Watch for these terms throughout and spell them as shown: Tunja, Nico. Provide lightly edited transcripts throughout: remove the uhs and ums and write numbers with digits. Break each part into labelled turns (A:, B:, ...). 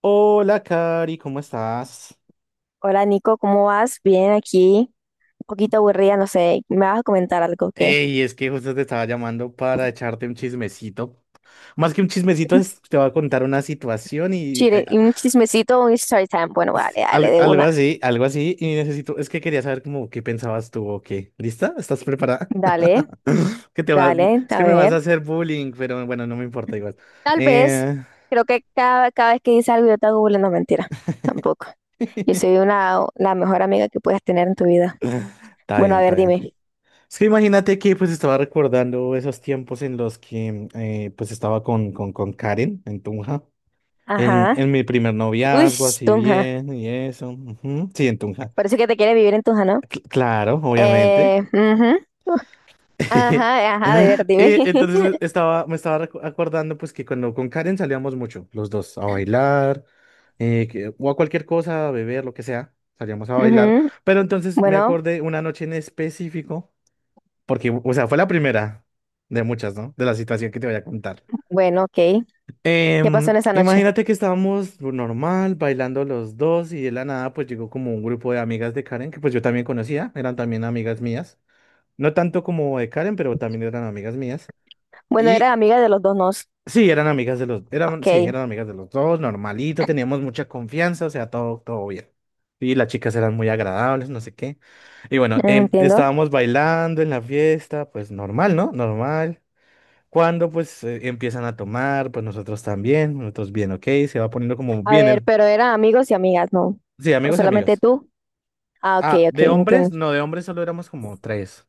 A: Hola, Cari, ¿cómo estás?
B: Hola Nico, ¿cómo vas? Bien, aquí un poquito aburrida, no sé, me vas a comentar algo que...
A: Ey, es que justo te estaba llamando para echarte un chismecito. Más que un chismecito, te voy a contar una situación y
B: Chile, y un chismecito, un story time. Bueno, vale, dale, de
A: algo
B: una.
A: así, algo así. Y necesito, es que quería saber como qué pensabas tú o qué. ¿Lista? ¿Estás preparada?
B: Dale,
A: Que te vas,
B: dale,
A: es
B: a
A: que me vas a
B: ver.
A: hacer bullying, pero bueno, no me importa igual.
B: Tal vez,
A: Eh,
B: creo que cada vez que dices algo yo te hago burla, no mentira, tampoco. Yo soy una, la mejor amiga que puedas tener en tu vida.
A: Está
B: Bueno,
A: bien,
B: a
A: está
B: ver,
A: bien.
B: dime.
A: Es que imagínate que pues estaba recordando esos tiempos en los que pues estaba con Karen en Tunja. En,
B: Ajá.
A: en mi primer
B: Uy,
A: noviazgo, así
B: Tunja.
A: bien, y eso. Ujú. Sí, entonces,
B: Parece que te quiere vivir en Tunja, ¿no?
A: claro, obviamente.
B: Ujú. Ajá, ajá, de ver, dime.
A: Entonces estaba, me estaba acordando pues que cuando con Karen salíamos mucho, los dos, a bailar, o a cualquier cosa, a beber, lo que sea, salíamos a bailar.
B: Ujú.
A: Pero entonces me
B: Bueno,
A: acordé una noche en específico, porque, o sea, fue la primera de muchas, ¿no? De la situación que te voy a contar.
B: bueno, ok. ¿Qué pasó
A: Em,
B: en esa noche?
A: imagínate que estábamos normal, bailando los dos y de la nada pues llegó como un grupo de amigas de Karen que pues yo también conocía, eran también amigas mías, no tanto como de Karen, pero también eran amigas mías.
B: Bueno, era
A: Y
B: amiga de los dos nos.
A: sí, eran amigas de los, eran,
B: Ok,
A: sí, eran amigas de los dos, normalito, teníamos mucha confianza, o sea, todo, todo bien. Y las chicas eran muy agradables, no sé qué. Y bueno,
B: entiendo.
A: estábamos bailando en la fiesta, pues normal, ¿no? Normal. Cuando pues empiezan a tomar, pues nosotros también, nosotros bien, ok, se va poniendo como
B: A
A: bien
B: ver,
A: el.
B: pero eran amigos y amigas, ¿no?
A: Sí,
B: ¿O
A: amigos y
B: solamente
A: amigas.
B: tú? Ah, ok,
A: Ah,
B: ok,
A: de
B: entiendo.
A: hombres, no, de hombres solo éramos como tres.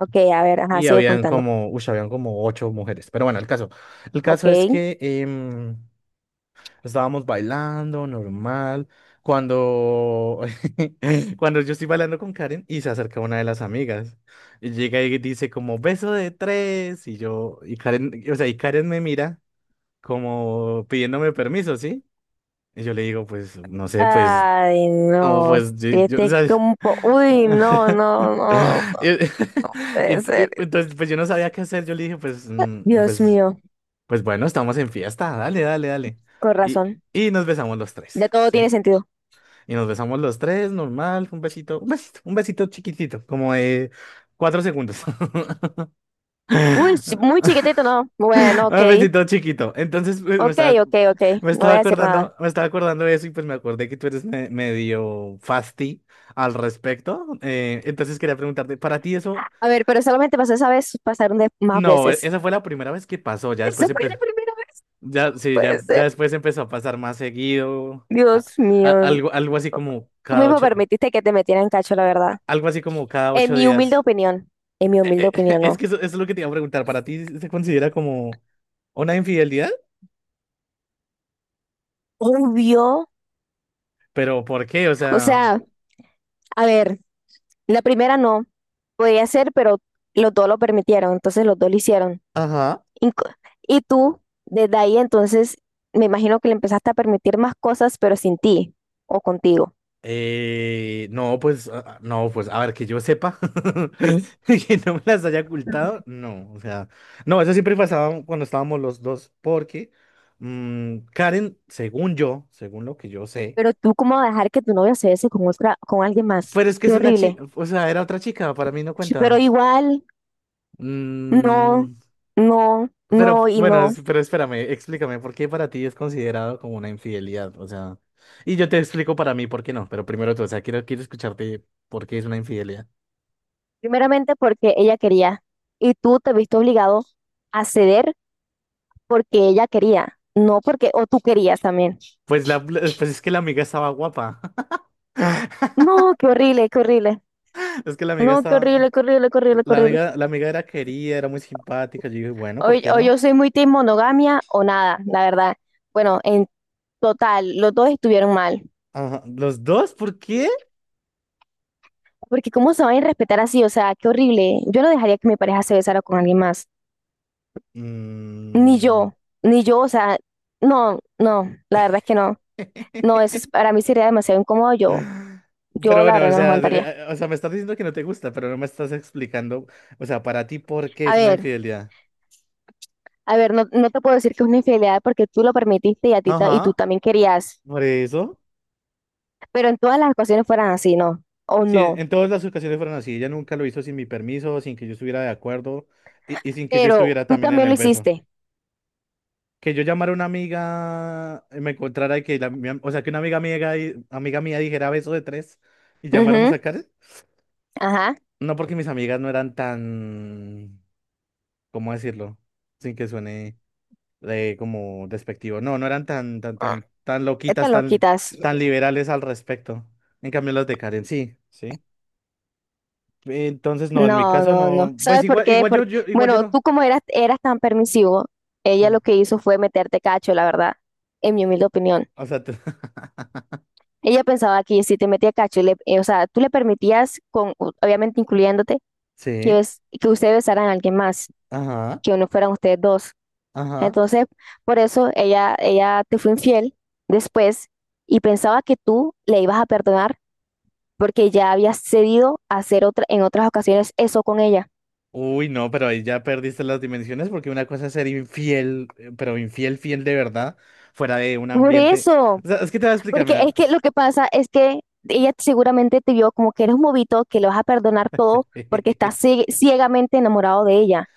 B: Ok, a ver, ajá,
A: Y
B: sigo
A: habían
B: contando.
A: como, uy, habían como ocho mujeres. Pero bueno, el caso. El
B: Ok.
A: caso es que estábamos bailando, normal. Cuando, Cuando yo estoy bailando con Karen y se acerca una de las amigas. Y llega y dice como, beso de tres. Y yo, y Karen, o sea, y Karen me mira como pidiéndome permiso, ¿sí? Y yo le digo, pues, no sé, pues,
B: Ay,
A: no,
B: no.
A: pues, yo, o
B: Fíjate
A: sea,
B: como... Uy, no, no,
A: y-
B: no, no no puede ser.
A: entonces, pues yo no sabía qué hacer. Yo le dije, pues, no,
B: Dios
A: pues,
B: mío,
A: pues bueno, estamos en fiesta, dale, dale, dale.
B: con
A: Y,
B: razón.
A: y nos besamos los
B: Ya
A: tres,
B: todo tiene
A: ¿sí?
B: sentido.
A: Y nos besamos los tres, normal, un besito, un besito, un besito chiquitito, como de 4 segundos.
B: Uy, sí, muy chiquitito, ¿no? Bueno,
A: Un
B: ok.
A: besito chiquito. Entonces, pues,
B: Ok, ok, ok. No voy a decir nada.
A: me estaba acordando, de eso y pues me acordé que tú eres medio fasti al respecto. Entonces quería preguntarte, ¿para ti eso?
B: A ver, pero solamente pasó esa vez, pasaron de más
A: No,
B: veces.
A: esa fue la primera vez que pasó. Ya después
B: Esa fue la
A: empezó,
B: primera vez.
A: ya, sí,
B: Puede
A: ya
B: ser.
A: después empezó a pasar más seguido. a-
B: Dios
A: a-
B: mío.
A: algo, algo así como
B: Tú
A: cada
B: mismo
A: ocho,
B: permitiste que te metieran cacho, la verdad.
A: algo así como cada
B: En
A: ocho
B: mi humilde
A: días.
B: opinión. En mi humilde
A: Eh, eh,
B: opinión,
A: es
B: no.
A: que eso es lo que te iba a preguntar. ¿Para ti se considera como una infidelidad?
B: Obvio.
A: ¿Pero por qué? O
B: O
A: sea,
B: sea, a ver, la primera no. Podía ser, pero los dos lo permitieron. Entonces los dos lo hicieron.
A: ajá.
B: Inco- Y tú, desde ahí, entonces, me imagino que le empezaste a permitir más cosas, pero sin ti o contigo.
A: No, pues, no, pues, a ver, que yo sepa que no me las haya ocultado, no, o sea, no, eso siempre pasaba cuando estábamos los dos, porque Karen, según yo, según lo que yo sé,
B: Pero tú, ¿cómo vas a dejar que tu novia se bese con otra, con alguien más?
A: pero es que
B: Qué
A: es una
B: horrible.
A: chica, o sea, era otra chica, para mí no
B: Pero
A: cuenta.
B: igual. No,
A: Mm,
B: no,
A: pero
B: no y
A: bueno,
B: no.
A: pero espérame, explícame, ¿por qué para ti es considerado como una infidelidad? O sea, y yo te explico para mí por qué no, pero primero tú, o sea, quiero escucharte por qué es una infidelidad.
B: Primeramente porque ella quería y tú te viste obligado a ceder porque ella quería, no porque, o tú querías también.
A: Pues, pues es que la amiga estaba guapa.
B: No, qué horrible, qué horrible.
A: Es que la amiga
B: No, qué
A: estaba.
B: horrible, qué horrible, qué horrible, qué horrible.
A: La amiga era querida, era muy simpática. Yo dije, bueno,
B: O,
A: ¿por qué
B: o
A: no?
B: yo soy muy team monogamia o nada, la verdad. Bueno, en total, los dos estuvieron mal.
A: Ajá. ¿Los dos? ¿Por qué?
B: Porque cómo se van a respetar así, o sea, qué horrible. Yo no dejaría que mi pareja se besara con alguien más. Ni
A: Mm.
B: yo, ni yo, o sea, no, no, la verdad es que no. No, para mí sería demasiado incómodo. Yo,
A: Pero
B: yo la
A: bueno,
B: verdad no lo aguantaría.
A: o sea, me estás diciendo que no te gusta, pero no me estás explicando, o sea, para ti, ¿por qué
B: A
A: es una
B: ver,
A: infidelidad?
B: a ver, no, no te puedo decir que es una infidelidad porque tú lo permitiste y y tú
A: Ajá,
B: también querías.
A: por eso.
B: Pero en todas las ocasiones fueran así, ¿no? O
A: Sí, en
B: no.
A: en todas las ocasiones fueron así. Ella nunca lo hizo sin mi permiso, sin que yo estuviera de acuerdo y sin que yo
B: Pero
A: estuviera
B: tú
A: también en
B: también
A: el
B: lo
A: beso.
B: hiciste.
A: Que yo llamara a una amiga, me encontrara y que o sea, que una amiga mía, amiga mía dijera beso de tres y llamáramos
B: Ujú,
A: a Karen.
B: ajá.
A: No porque mis amigas no eran tan, ¿cómo decirlo? Sin que suene como despectivo. No, no eran tan, tan, tan, tan
B: Te
A: loquitas,
B: lo
A: tan,
B: quitas.
A: tan liberales al respecto. En cambio, las de Karen sí, sí. Entonces, no, en mi
B: No,
A: caso
B: no, no.
A: no. Pues
B: ¿Sabes por
A: igual,
B: qué?
A: igual
B: Porque,
A: igual yo
B: bueno,
A: no.
B: tú como eras tan permisivo, ella
A: Ah,
B: lo que hizo fue meterte cacho, la verdad, en mi humilde opinión.
A: o sea,
B: Ella pensaba que si te metía cacho, o sea, tú le permitías, con, obviamente incluyéndote, que,
A: sí,
B: que ustedes besaran a alguien más,
A: ajá,
B: que no fueran ustedes dos.
A: ajá.
B: Entonces, por eso ella te fue infiel después y pensaba que tú le ibas a perdonar porque ya habías cedido a hacer otra, en otras ocasiones eso con ella.
A: Uy, no, pero ahí ya perdiste las dimensiones porque una cosa es ser infiel, pero infiel, fiel de verdad, fuera de un
B: Por
A: ambiente.
B: eso,
A: O sea, es que te voy a explicar,
B: porque es
A: mira.
B: que lo que pasa es que ella seguramente te vio como que eres un bobito, que le vas a perdonar todo porque estás ciegamente enamorado de ella.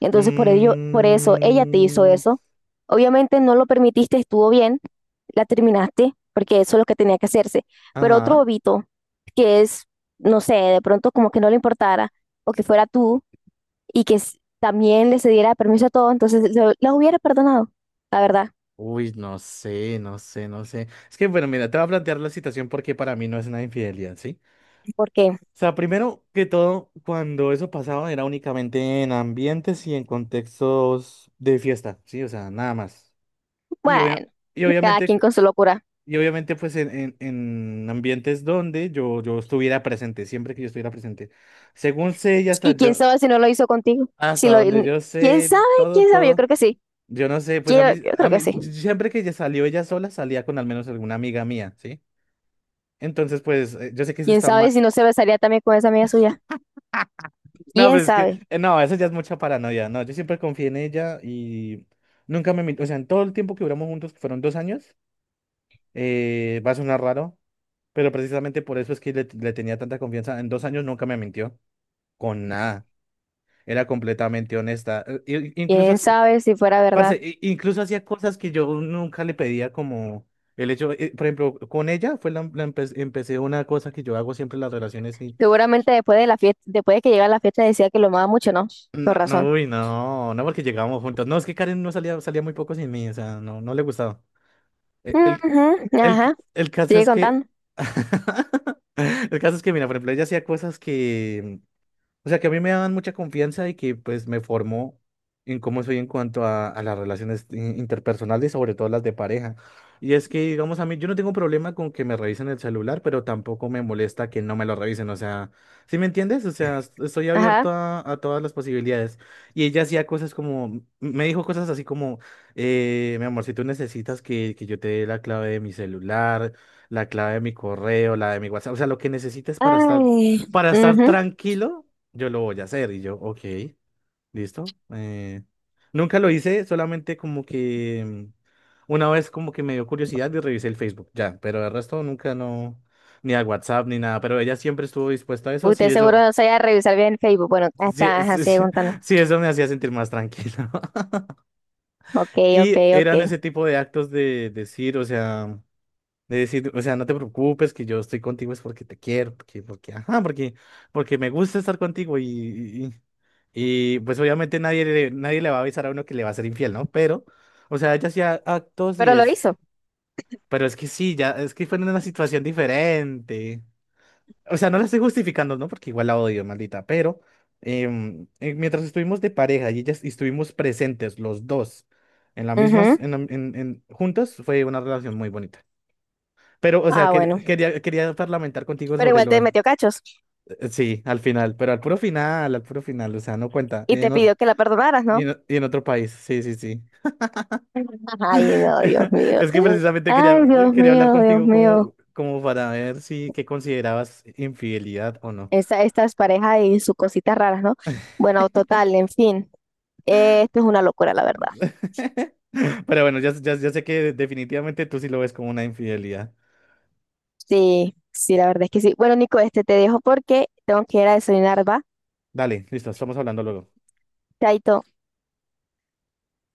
B: Entonces, por ello, por eso ella te hizo
A: Mm,
B: eso. Obviamente no lo permitiste, estuvo bien, la terminaste, porque eso es lo que tenía que hacerse. Pero otro
A: ajá.
B: bobito, que es, no sé, de pronto como que no le importara, o que fuera tú, y que también le cediera permiso a todo, entonces la hubiera perdonado, la verdad.
A: Uy, no sé, no sé, no sé. Es que, bueno, mira, te voy a plantear la situación porque para mí no es una infidelidad, ¿sí?
B: Porque,
A: O sea, primero que todo, cuando eso pasaba era únicamente en ambientes y en contextos de fiesta, ¿sí? O sea, nada más. Y,
B: bueno,
A: y
B: cada
A: obviamente.
B: quien con su locura.
A: Y obviamente pues en ambientes donde yo estuviera presente, siempre que yo estuviera presente. Según sé y hasta
B: ¿Y quién
A: yo,
B: sabe si no lo hizo contigo? Si
A: hasta
B: lo,
A: donde yo
B: ¿quién
A: sé,
B: sabe?
A: todo,
B: ¿Quién sabe? Yo
A: todo.
B: creo que sí.
A: Yo no sé, pues
B: Yo, yo creo que sí.
A: siempre que ella salió ella sola, salía con al menos alguna amiga mía, ¿sí? Entonces pues yo sé que eso
B: ¿Quién
A: está
B: sabe
A: mal.
B: si no se besaría también con esa amiga suya?
A: No,
B: ¿Quién
A: pero es que,
B: sabe?
A: no, eso ya es mucha paranoia, no, yo siempre confié en ella y nunca me, o sea, en todo el tiempo que duramos juntos, que fueron 2 años, va a sonar raro. Pero precisamente por eso es que le tenía tanta confianza. En dos años nunca me mintió con nada. Era completamente honesta. Incluso,
B: ¿Quién sabe si fuera verdad?
A: parce, incluso hacía cosas que yo nunca le pedía como el hecho, por ejemplo, con ella fue empecé una cosa que yo hago siempre en las relaciones y
B: Seguramente después de la fiesta, después de que llegara la fiesta decía que lo amaba mucho, ¿no? Con
A: no, no,
B: razón.
A: uy, no, no porque llegábamos juntos. No, es que Karen no salía, salía muy poco sin mí, o sea, no, no le gustaba. Eh, El,
B: Ujú, ajá.
A: el caso
B: Sigue
A: es que.
B: contando.
A: El caso es que, mira, por ejemplo, ella hacía cosas que, o sea, que a mí me daban mucha confianza y que pues me formó en cómo soy en cuanto a las relaciones interpersonales, sobre todo las de pareja. Y es que, digamos, a mí yo no tengo problema con que me revisen el celular, pero tampoco me molesta que no me lo revisen. O sea, ¿sí me entiendes? O sea, estoy
B: Ajá.
A: abierto a todas las posibilidades. Y ella hacía cosas como, me dijo cosas así como, mi amor, si tú necesitas que yo te dé la clave de mi celular, la clave de mi correo, la de mi WhatsApp, o sea, lo que necesites para estar,
B: Ay,
A: para estar
B: ujú.
A: tranquilo yo lo voy a hacer. Y yo, ok, listo. Nunca lo hice, solamente como que una vez como que me dio curiosidad y revisé el Facebook, ya, pero el resto nunca no, ni a WhatsApp ni nada, pero ella siempre estuvo dispuesta a eso, si
B: Usted seguro
A: eso,
B: no sabía revisar bien el Facebook. Bueno, ahí
A: si,
B: está, ajá,
A: si-
B: sigue
A: si-
B: contando.
A: si eso me hacía sentir más tranquilo.
B: Ok, ok,
A: Y
B: ok.
A: eran ese tipo de actos de decir, o sea. De decir, o sea, no te preocupes que yo estoy contigo es porque te quiero, ajá, porque me gusta estar contigo y, pues obviamente nadie le va a avisar a uno que le va a ser infiel, ¿no? Pero, o sea, ella hacía actos y
B: Pero lo
A: es,
B: hizo.
A: pero es que sí, ya, es que fue en una situación diferente. O sea, no la estoy justificando, ¿no? Porque igual la odio, maldita, pero mientras estuvimos de pareja y ellas y estuvimos presentes los dos en la misma,
B: Ujú.
A: en, la- en- juntos, fue una relación muy bonita. Pero, o sea,
B: Ah,
A: que-
B: bueno.
A: quería, quería parlamentar contigo
B: Pero
A: sobre
B: igual
A: lo.
B: te metió cachos
A: Sí, al final, pero al puro final, o sea, no cuenta.
B: y te pidió que la perdonaras, ¿no?
A: Y en otro país, sí, sí, sí.
B: Ay, no, Dios mío.
A: Es que precisamente
B: Ay,
A: quería,
B: Dios
A: quería hablar
B: mío, Dios
A: contigo como,
B: mío.
A: como para ver si qué considerabas infidelidad o no.
B: Estas parejas y sus cositas raras, ¿no? Bueno, total, en fin. Esto es una locura, la verdad.
A: Pero bueno, ya, ya, ya sé que definitivamente tú sí lo ves como una infidelidad.
B: Sí, sí, la verdad es que sí. Bueno, Nico, este te dejo porque tengo que ir a desayunar, ¿va?
A: Dale, listo, estamos hablando luego.
B: Chaito.